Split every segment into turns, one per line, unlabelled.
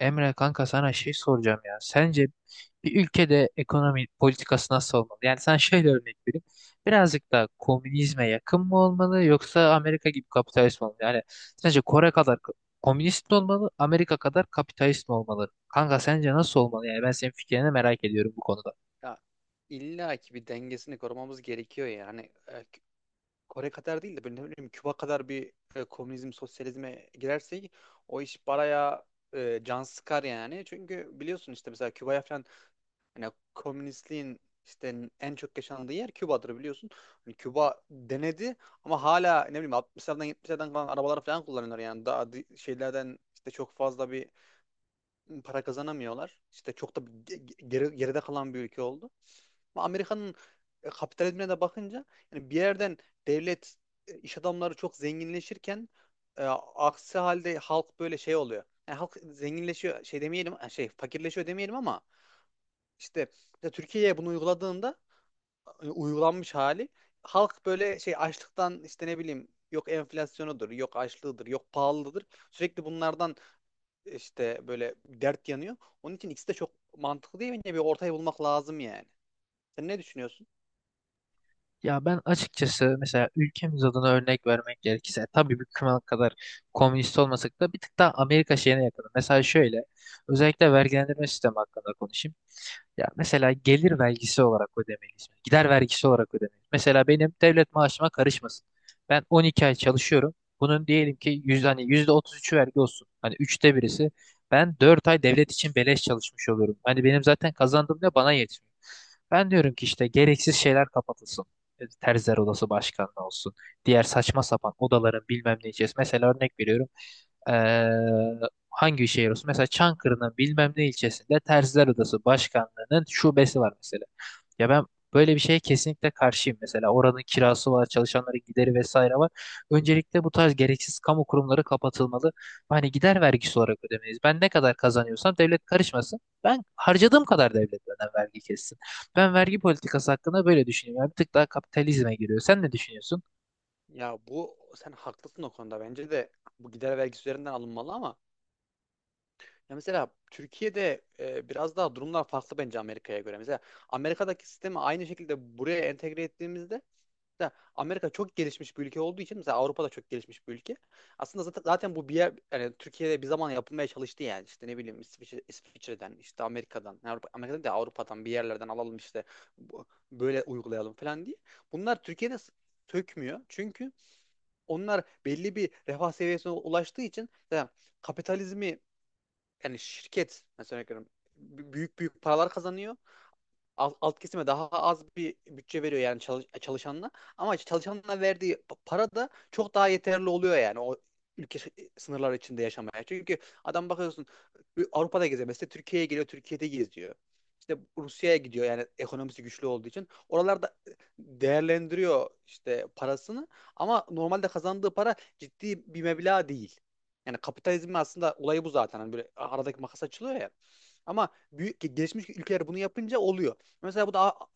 Emre kanka, sana şey soracağım ya. Sence bir ülkede ekonomi politikası nasıl olmalı? Yani sen, şöyle örnek vereyim. Birazcık daha komünizme yakın mı olmalı, yoksa Amerika gibi kapitalist mi olmalı? Yani sence Kore kadar komünist mi olmalı, Amerika kadar kapitalist mi olmalı? Kanka, sence nasıl olmalı? Yani ben senin fikrini merak ediyorum bu konuda.
Ya illa ki bir dengesini korumamız gerekiyor yani. E, Kore kadar değil de böyle ne bileyim Küba kadar bir komünizm, sosyalizme girersek o iş baraya can sıkar yani. Çünkü biliyorsun işte mesela Küba'ya falan hani komünistliğin işte en çok yaşandığı yer Küba'dır biliyorsun. Hani Küba denedi ama hala ne bileyim 60'lardan 70'lerden kalan arabalar falan kullanıyorlar yani daha şeylerden işte çok fazla bir para kazanamıyorlar. İşte çok da geride kalan bir ülke oldu. Ama Amerika'nın kapitalizmine de bakınca yani bir yerden devlet iş adamları çok zenginleşirken e, aksi halde halk böyle şey oluyor. Yani halk zenginleşiyor şey demeyelim şey fakirleşiyor demeyelim ama işte, işte Türkiye'ye bunu uyguladığında uygulanmış hali halk böyle şey açlıktan işte ne bileyim yok enflasyonudur, yok açlığıdır, yok pahalıdır. Sürekli bunlardan işte böyle dert yanıyor. Onun için ikisi de çok mantıklı değil. Bence bir ortayı bulmak lazım yani. Sen ne düşünüyorsun?
Ya ben açıkçası, mesela ülkemiz adına örnek vermek gerekirse, tabii bir kıma kadar komünist olmasak da bir tık daha Amerika şeyine yakın. Mesela şöyle, özellikle vergilendirme sistemi hakkında konuşayım. Ya mesela gelir vergisi olarak ödemeliyiz. Gider vergisi olarak ödemeliyiz. Mesela benim devlet maaşıma karışmasın. Ben 12 ay çalışıyorum. Bunun diyelim ki hani %33'ü vergi olsun. Hani üçte birisi. Ben 4 ay devlet için beleş çalışmış oluyorum. Hani benim zaten kazandığım ne bana yetmiyor. Ben diyorum ki işte gereksiz şeyler kapatılsın. Terziler odası başkanlığı olsun. Diğer saçma sapan odaların bilmem ne içerisinde. Mesela örnek veriyorum. Ee, hangi şehir olsun? Mesela Çankırı'nın bilmem ne ilçesinde Terziler Odası Başkanlığı'nın şubesi var mesela. Ya ben böyle bir şeye kesinlikle karşıyım mesela. Oranın kirası var, çalışanların gideri vesaire var. Öncelikle bu tarz gereksiz kamu kurumları kapatılmalı. Hani gider vergisi olarak ödemeyiz. Ben ne kadar kazanıyorsam devlet karışmasın. Ben harcadığım kadar devlet benden vergi kessin. Ben vergi politikası hakkında böyle düşünüyorum. Yani bir tık daha kapitalizme giriyor. Sen ne düşünüyorsun?
Ya bu sen haklısın o konuda. Bence de bu gider vergisi üzerinden alınmalı ama ya mesela Türkiye'de biraz daha durumlar farklı bence Amerika'ya göre. Mesela Amerika'daki sistemi aynı şekilde buraya entegre ettiğimizde da Amerika çok gelişmiş bir ülke olduğu için mesela Avrupa da çok gelişmiş bir ülke. Aslında zaten bu bir yer yani Türkiye'de bir zaman yapılmaya çalıştı yani işte ne bileyim İsviçre'den işte Amerika'dan yani Avrupa, Amerika'dan da Avrupa'dan bir yerlerden alalım işte bu- böyle uygulayalım falan diye. Bunlar Türkiye'de sökmüyor. Çünkü onlar belli bir refah seviyesine ulaştığı için yani kapitalizmi yani şirket mesela örnek veriyorum, büyük büyük paralar kazanıyor alt kesime daha az bir bütçe veriyor yani çalışanına. Ama işte çalışanına verdiği para da çok daha yeterli oluyor yani o ülke sınırları içinde yaşamaya. Çünkü adam bakıyorsun Avrupa'da geziyor. Mesela Türkiye'ye geliyor, Türkiye'de geziyor. İşte Rusya'ya gidiyor yani ekonomisi güçlü olduğu için. Oralarda değerlendiriyor işte parasını ama normalde kazandığı para ciddi bir meblağ değil. Yani kapitalizmin aslında olayı bu zaten. Hani böyle aradaki makas açılıyor ya. Ama büyük gelişmiş ülkeler bunu yapınca oluyor. Mesela bu da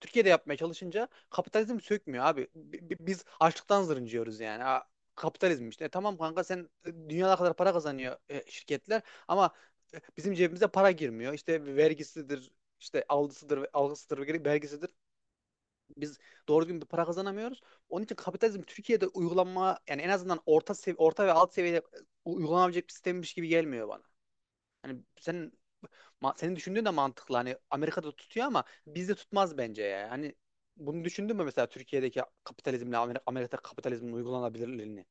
Türkiye'de yapmaya çalışınca kapitalizm sökmüyor abi. Biz açlıktan zırıncıyoruz yani. Kapitalizm işte. E tamam kanka sen dünyada kadar para kazanıyor şirketler ama bizim cebimize para girmiyor. İşte vergisidir, işte algısıdır, vergisidir. Biz doğru düzgün bir para kazanamıyoruz. Onun için kapitalizm Türkiye'de uygulanma yani en azından orta orta ve alt seviyede uygulanabilecek bir sistemmiş gibi gelmiyor bana. Hani sen senin düşündüğün de mantıklı. Hani Amerika'da tutuyor ama bizde tutmaz bence ya. Hani bunu düşündün mü mesela Türkiye'deki kapitalizmle Amerika kapitalizmin uygulanabilirliğini?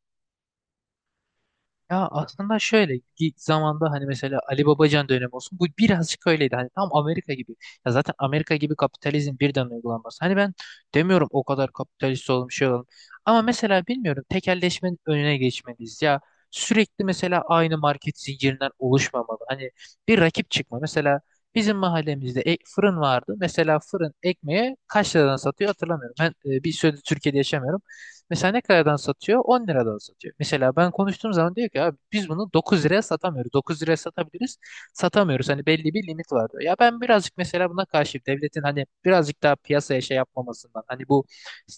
Ya aslında şöyle, ilk zamanda hani, mesela Ali Babacan dönemi olsun, bu birazcık öyleydi, hani tam Amerika gibi. Ya zaten Amerika gibi kapitalizm birden uygulanması, hani ben demiyorum o kadar kapitalist olalım, şey olalım, ama mesela bilmiyorum, tekelleşmenin önüne geçmeliyiz ya. Sürekli mesela aynı market zincirinden oluşmamalı, hani bir rakip çıkma mesela. Bizim mahallemizde fırın vardı mesela. Fırın ekmeğe kaç liradan satıyor hatırlamıyorum, ben bir süredir Türkiye'de yaşamıyorum. Mesela ne kadardan satıyor? 10 liradan satıyor. Mesela ben konuştuğum zaman diyor ki, abi biz bunu 9 liraya satamıyoruz. 9 liraya satabiliriz. Satamıyoruz. Hani belli bir limit var diyor. Ya ben birazcık mesela buna karşıyım. Devletin hani birazcık daha piyasaya şey yapmamasından. Hani bu,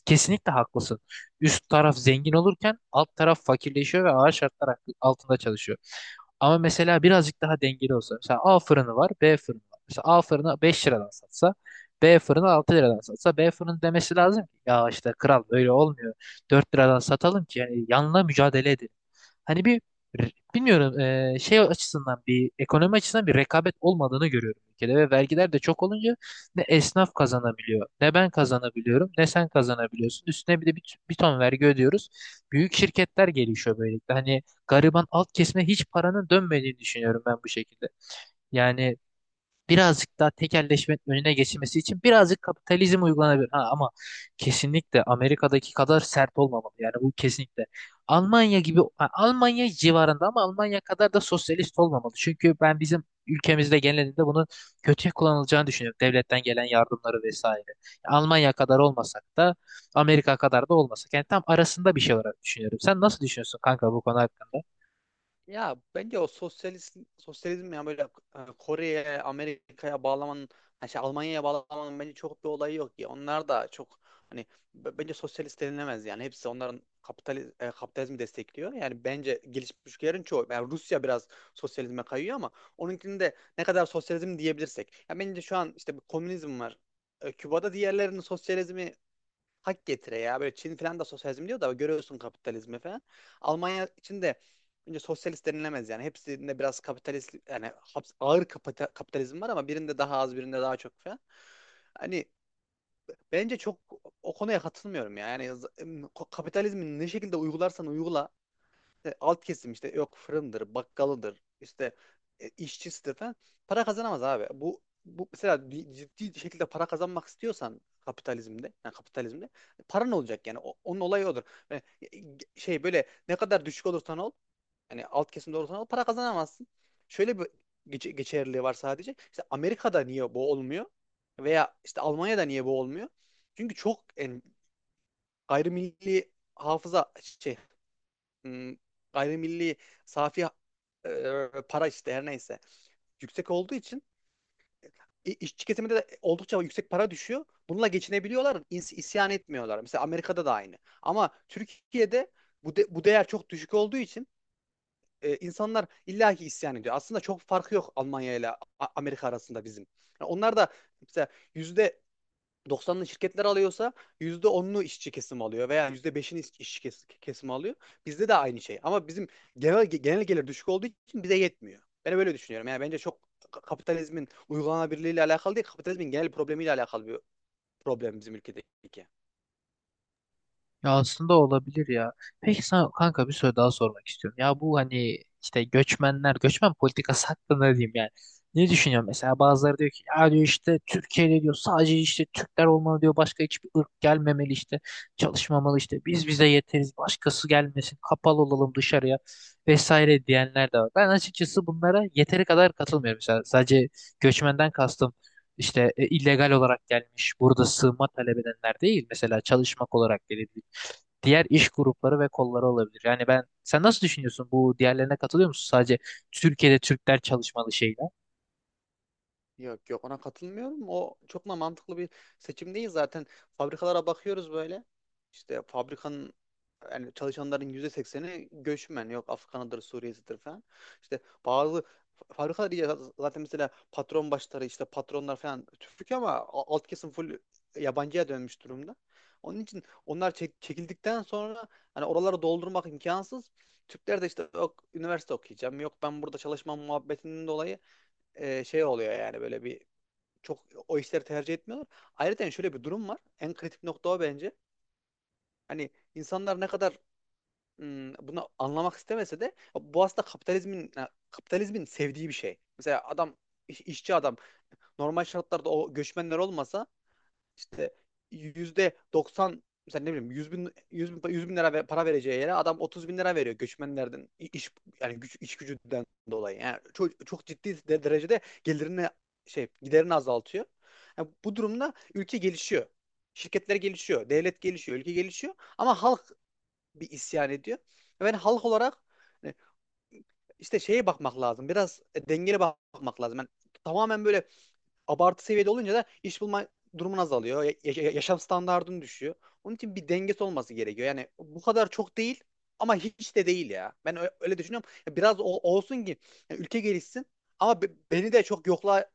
kesinlikle haklısın. Üst taraf zengin olurken alt taraf fakirleşiyor ve ağır şartlar altında çalışıyor. Ama mesela birazcık daha dengeli olsa. Mesela A fırını var, B fırını var. Mesela A fırını 5 liradan satsa, B fırını 6 liradan satsa, B fırını demesi lazım ki ya işte, kral, böyle olmuyor. 4 liradan satalım ki yani yanla mücadele edelim. Hani bilmiyorum, şey açısından, bir ekonomi açısından bir rekabet olmadığını görüyorum ülkede, ve vergiler de çok olunca ne esnaf kazanabiliyor, ne ben kazanabiliyorum, ne sen kazanabiliyorsun. Üstüne bir de bir ton vergi ödüyoruz. Büyük şirketler gelişiyor böylelikle. Hani gariban alt kesime hiç paranın dönmediğini düşünüyorum ben bu şekilde. Yani birazcık daha tekelleşmenin önüne geçilmesi için birazcık kapitalizm uygulanabilir. Ha, ama kesinlikle Amerika'daki kadar sert olmamalı. Yani bu kesinlikle. Almanya gibi, ha, Almanya civarında, ama Almanya kadar da sosyalist olmamalı. Çünkü ben bizim ülkemizde genelinde bunun kötüye kullanılacağını düşünüyorum. Devletten gelen yardımları vesaire. Almanya kadar olmasak da, Amerika kadar da olmasak. Yani tam arasında bir şey olarak düşünüyorum. Sen nasıl düşünüyorsun kanka, bu konu hakkında?
Ya bence o sosyalist sosyalizm ya böyle Kore'ye, Amerika'ya bağlamanın yani şey Almanya'ya bağlamanın bence çok bir olayı yok ya. Onlar da çok hani bence sosyalist denilemez yani. Hepsi onların kapitalizmi destekliyor. Yani bence gelişmiş ülkelerin çoğu yani Rusya biraz sosyalizme kayıyor ama onunkini de ne kadar sosyalizm diyebilirsek. Ya bence şu an işte bir komünizm var. Küba'da diğerlerinin sosyalizmi hak getire ya. Böyle Çin falan da sosyalizm diyor da görüyorsun kapitalizmi falan. Almanya için de önce sosyalist denilemez yani. Hepsinde biraz kapitalist yani ağır kapitalizm var ama birinde daha az birinde daha çok falan. Hani bence çok o konuya katılmıyorum ya. Yani kapitalizmi ne şekilde uygularsan uygula işte alt kesim işte yok fırındır, bakkalıdır, işte işçisidir falan para kazanamaz abi. Bu mesela bir ciddi şekilde para kazanmak istiyorsan kapitalizmde, yani kapitalizmde para ne olacak yani onun olayı odur. Yani, şey böyle ne kadar düşük olursan ol, yani alt kesimde olursan ol para kazanamazsın. Şöyle bir geçerliliği var sadece. İşte Amerika'da niye bu olmuyor? Veya işte Almanya'da niye bu olmuyor? Çünkü çok yani, gayrimilli hafıza şey m, gayrimilli safi para işte her neyse yüksek olduğu için işçi kesiminde de oldukça yüksek para düşüyor. Bununla geçinebiliyorlar, isyan etmiyorlar. Mesela Amerika'da da aynı. Ama Türkiye'de bu değer çok düşük olduğu için insanlar illaki isyan ediyor. Aslında çok farkı yok Almanya ile Amerika arasında bizim. Yani onlar da mesela yüzde 90'lı şirketler alıyorsa %10'unu işçi kesim alıyor veya yüzde işçi kesimi alıyor. Bizde de aynı şey. Ama bizim genel gelir düşük olduğu için bize yetmiyor. Ben böyle düşünüyorum. Yani bence çok kapitalizmin uygulanabilirliğiyle alakalı değil, kapitalizmin genel problemiyle alakalı bir problem bizim ülkedeki.
Ya aslında olabilir ya. Peki sana kanka bir soru daha sormak istiyorum. Ya bu, hani işte göçmenler, göçmen politikası hakkında ne diyeyim yani. Ne düşünüyorsun mesela? Bazıları diyor ki ya, diyor, işte Türkiye'de diyor sadece işte Türkler olmalı, diyor başka hiçbir ırk gelmemeli, işte çalışmamalı, işte biz bize yeteriz, başkası gelmesin, kapalı olalım dışarıya vesaire diyenler de var. Ben açıkçası bunlara yeteri kadar katılmıyorum mesela. Sadece göçmenden kastım işte, illegal olarak gelmiş burada sığınma talep edenler değil, mesela çalışmak olarak gelebilecek diğer iş grupları ve kolları olabilir. Yani ben, sen nasıl düşünüyorsun? Bu diğerlerine katılıyor musun? Sadece Türkiye'de Türkler çalışmalı, şeyler.
Yok yok ona katılmıyorum. O çok da mantıklı bir seçim değil zaten. Fabrikalara bakıyoruz böyle. İşte fabrikanın yani çalışanların %80'i göçmen. Yok Afgan'ıdır, Suriye'sidir falan. İşte bazı fabrikalar iyi. Zaten mesela patron başları işte patronlar falan Türk ama alt kesim full yabancıya dönmüş durumda. Onun için onlar çekildikten sonra hani oraları doldurmak imkansız. Türkler de işte yok üniversite okuyacağım, yok ben burada çalışmam muhabbetinden dolayı şey oluyor yani böyle bir çok o işleri tercih etmiyorlar. Ayrıca yani şöyle bir durum var. En kritik nokta o bence. Hani insanlar ne kadar bunu anlamak istemese de bu aslında kapitalizmin kapitalizmin sevdiği bir şey. Mesela adam işçi adam normal şartlarda o göçmenler olmasa işte %90, mesela ne bileyim 100.000, 100.000, 100 bin lira para vereceği yere adam 30.000 lira veriyor göçmenlerden iş yani iş gücünden dolayı. Yani çok, çok ciddi derecede gelirini şey giderini azaltıyor. Yani bu durumda ülke gelişiyor. Şirketler gelişiyor, devlet gelişiyor, ülke gelişiyor ama halk bir isyan ediyor. Ben yani halk olarak hani işte şeye bakmak lazım. Biraz dengeli bakmak lazım. Yani tamamen böyle abartı seviyede olunca da iş bulma durumun azalıyor. Yaşam standardın düşüyor. Onun için bir dengesi olması gerekiyor. Yani bu kadar çok değil ama hiç de değil ya. Ben öyle düşünüyorum. Ya biraz olsun ki yani ülke gelişsin ama beni de çok yokluğa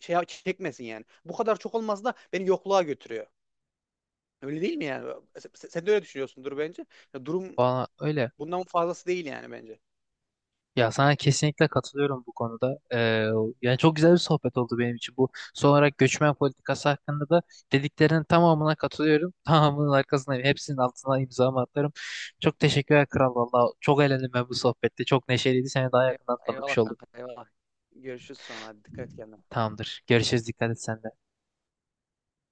şey çekmesin yani. Bu kadar çok olması da beni yokluğa götürüyor. Öyle değil mi yani? Sen de öyle düşünüyorsundur bence. Ya durum
Bana öyle.
bundan fazlası değil yani bence.
Ya sana kesinlikle katılıyorum bu konuda. Yani çok güzel bir sohbet oldu benim için. Bu son olarak, göçmen politikası hakkında da dediklerinin tamamına katılıyorum. Tamamının arkasına, hepsinin altına imzamı atarım. Çok teşekkürler kral, valla. Çok eğlendim ben bu sohbette. Çok neşeliydi. Seni daha yakından tanımış
Eyvallah
oldum.
kanka eyvallah. Görüşürüz sonra. Hadi dikkat et kendine.
Tamamdır. Görüşürüz. Dikkat et sen de.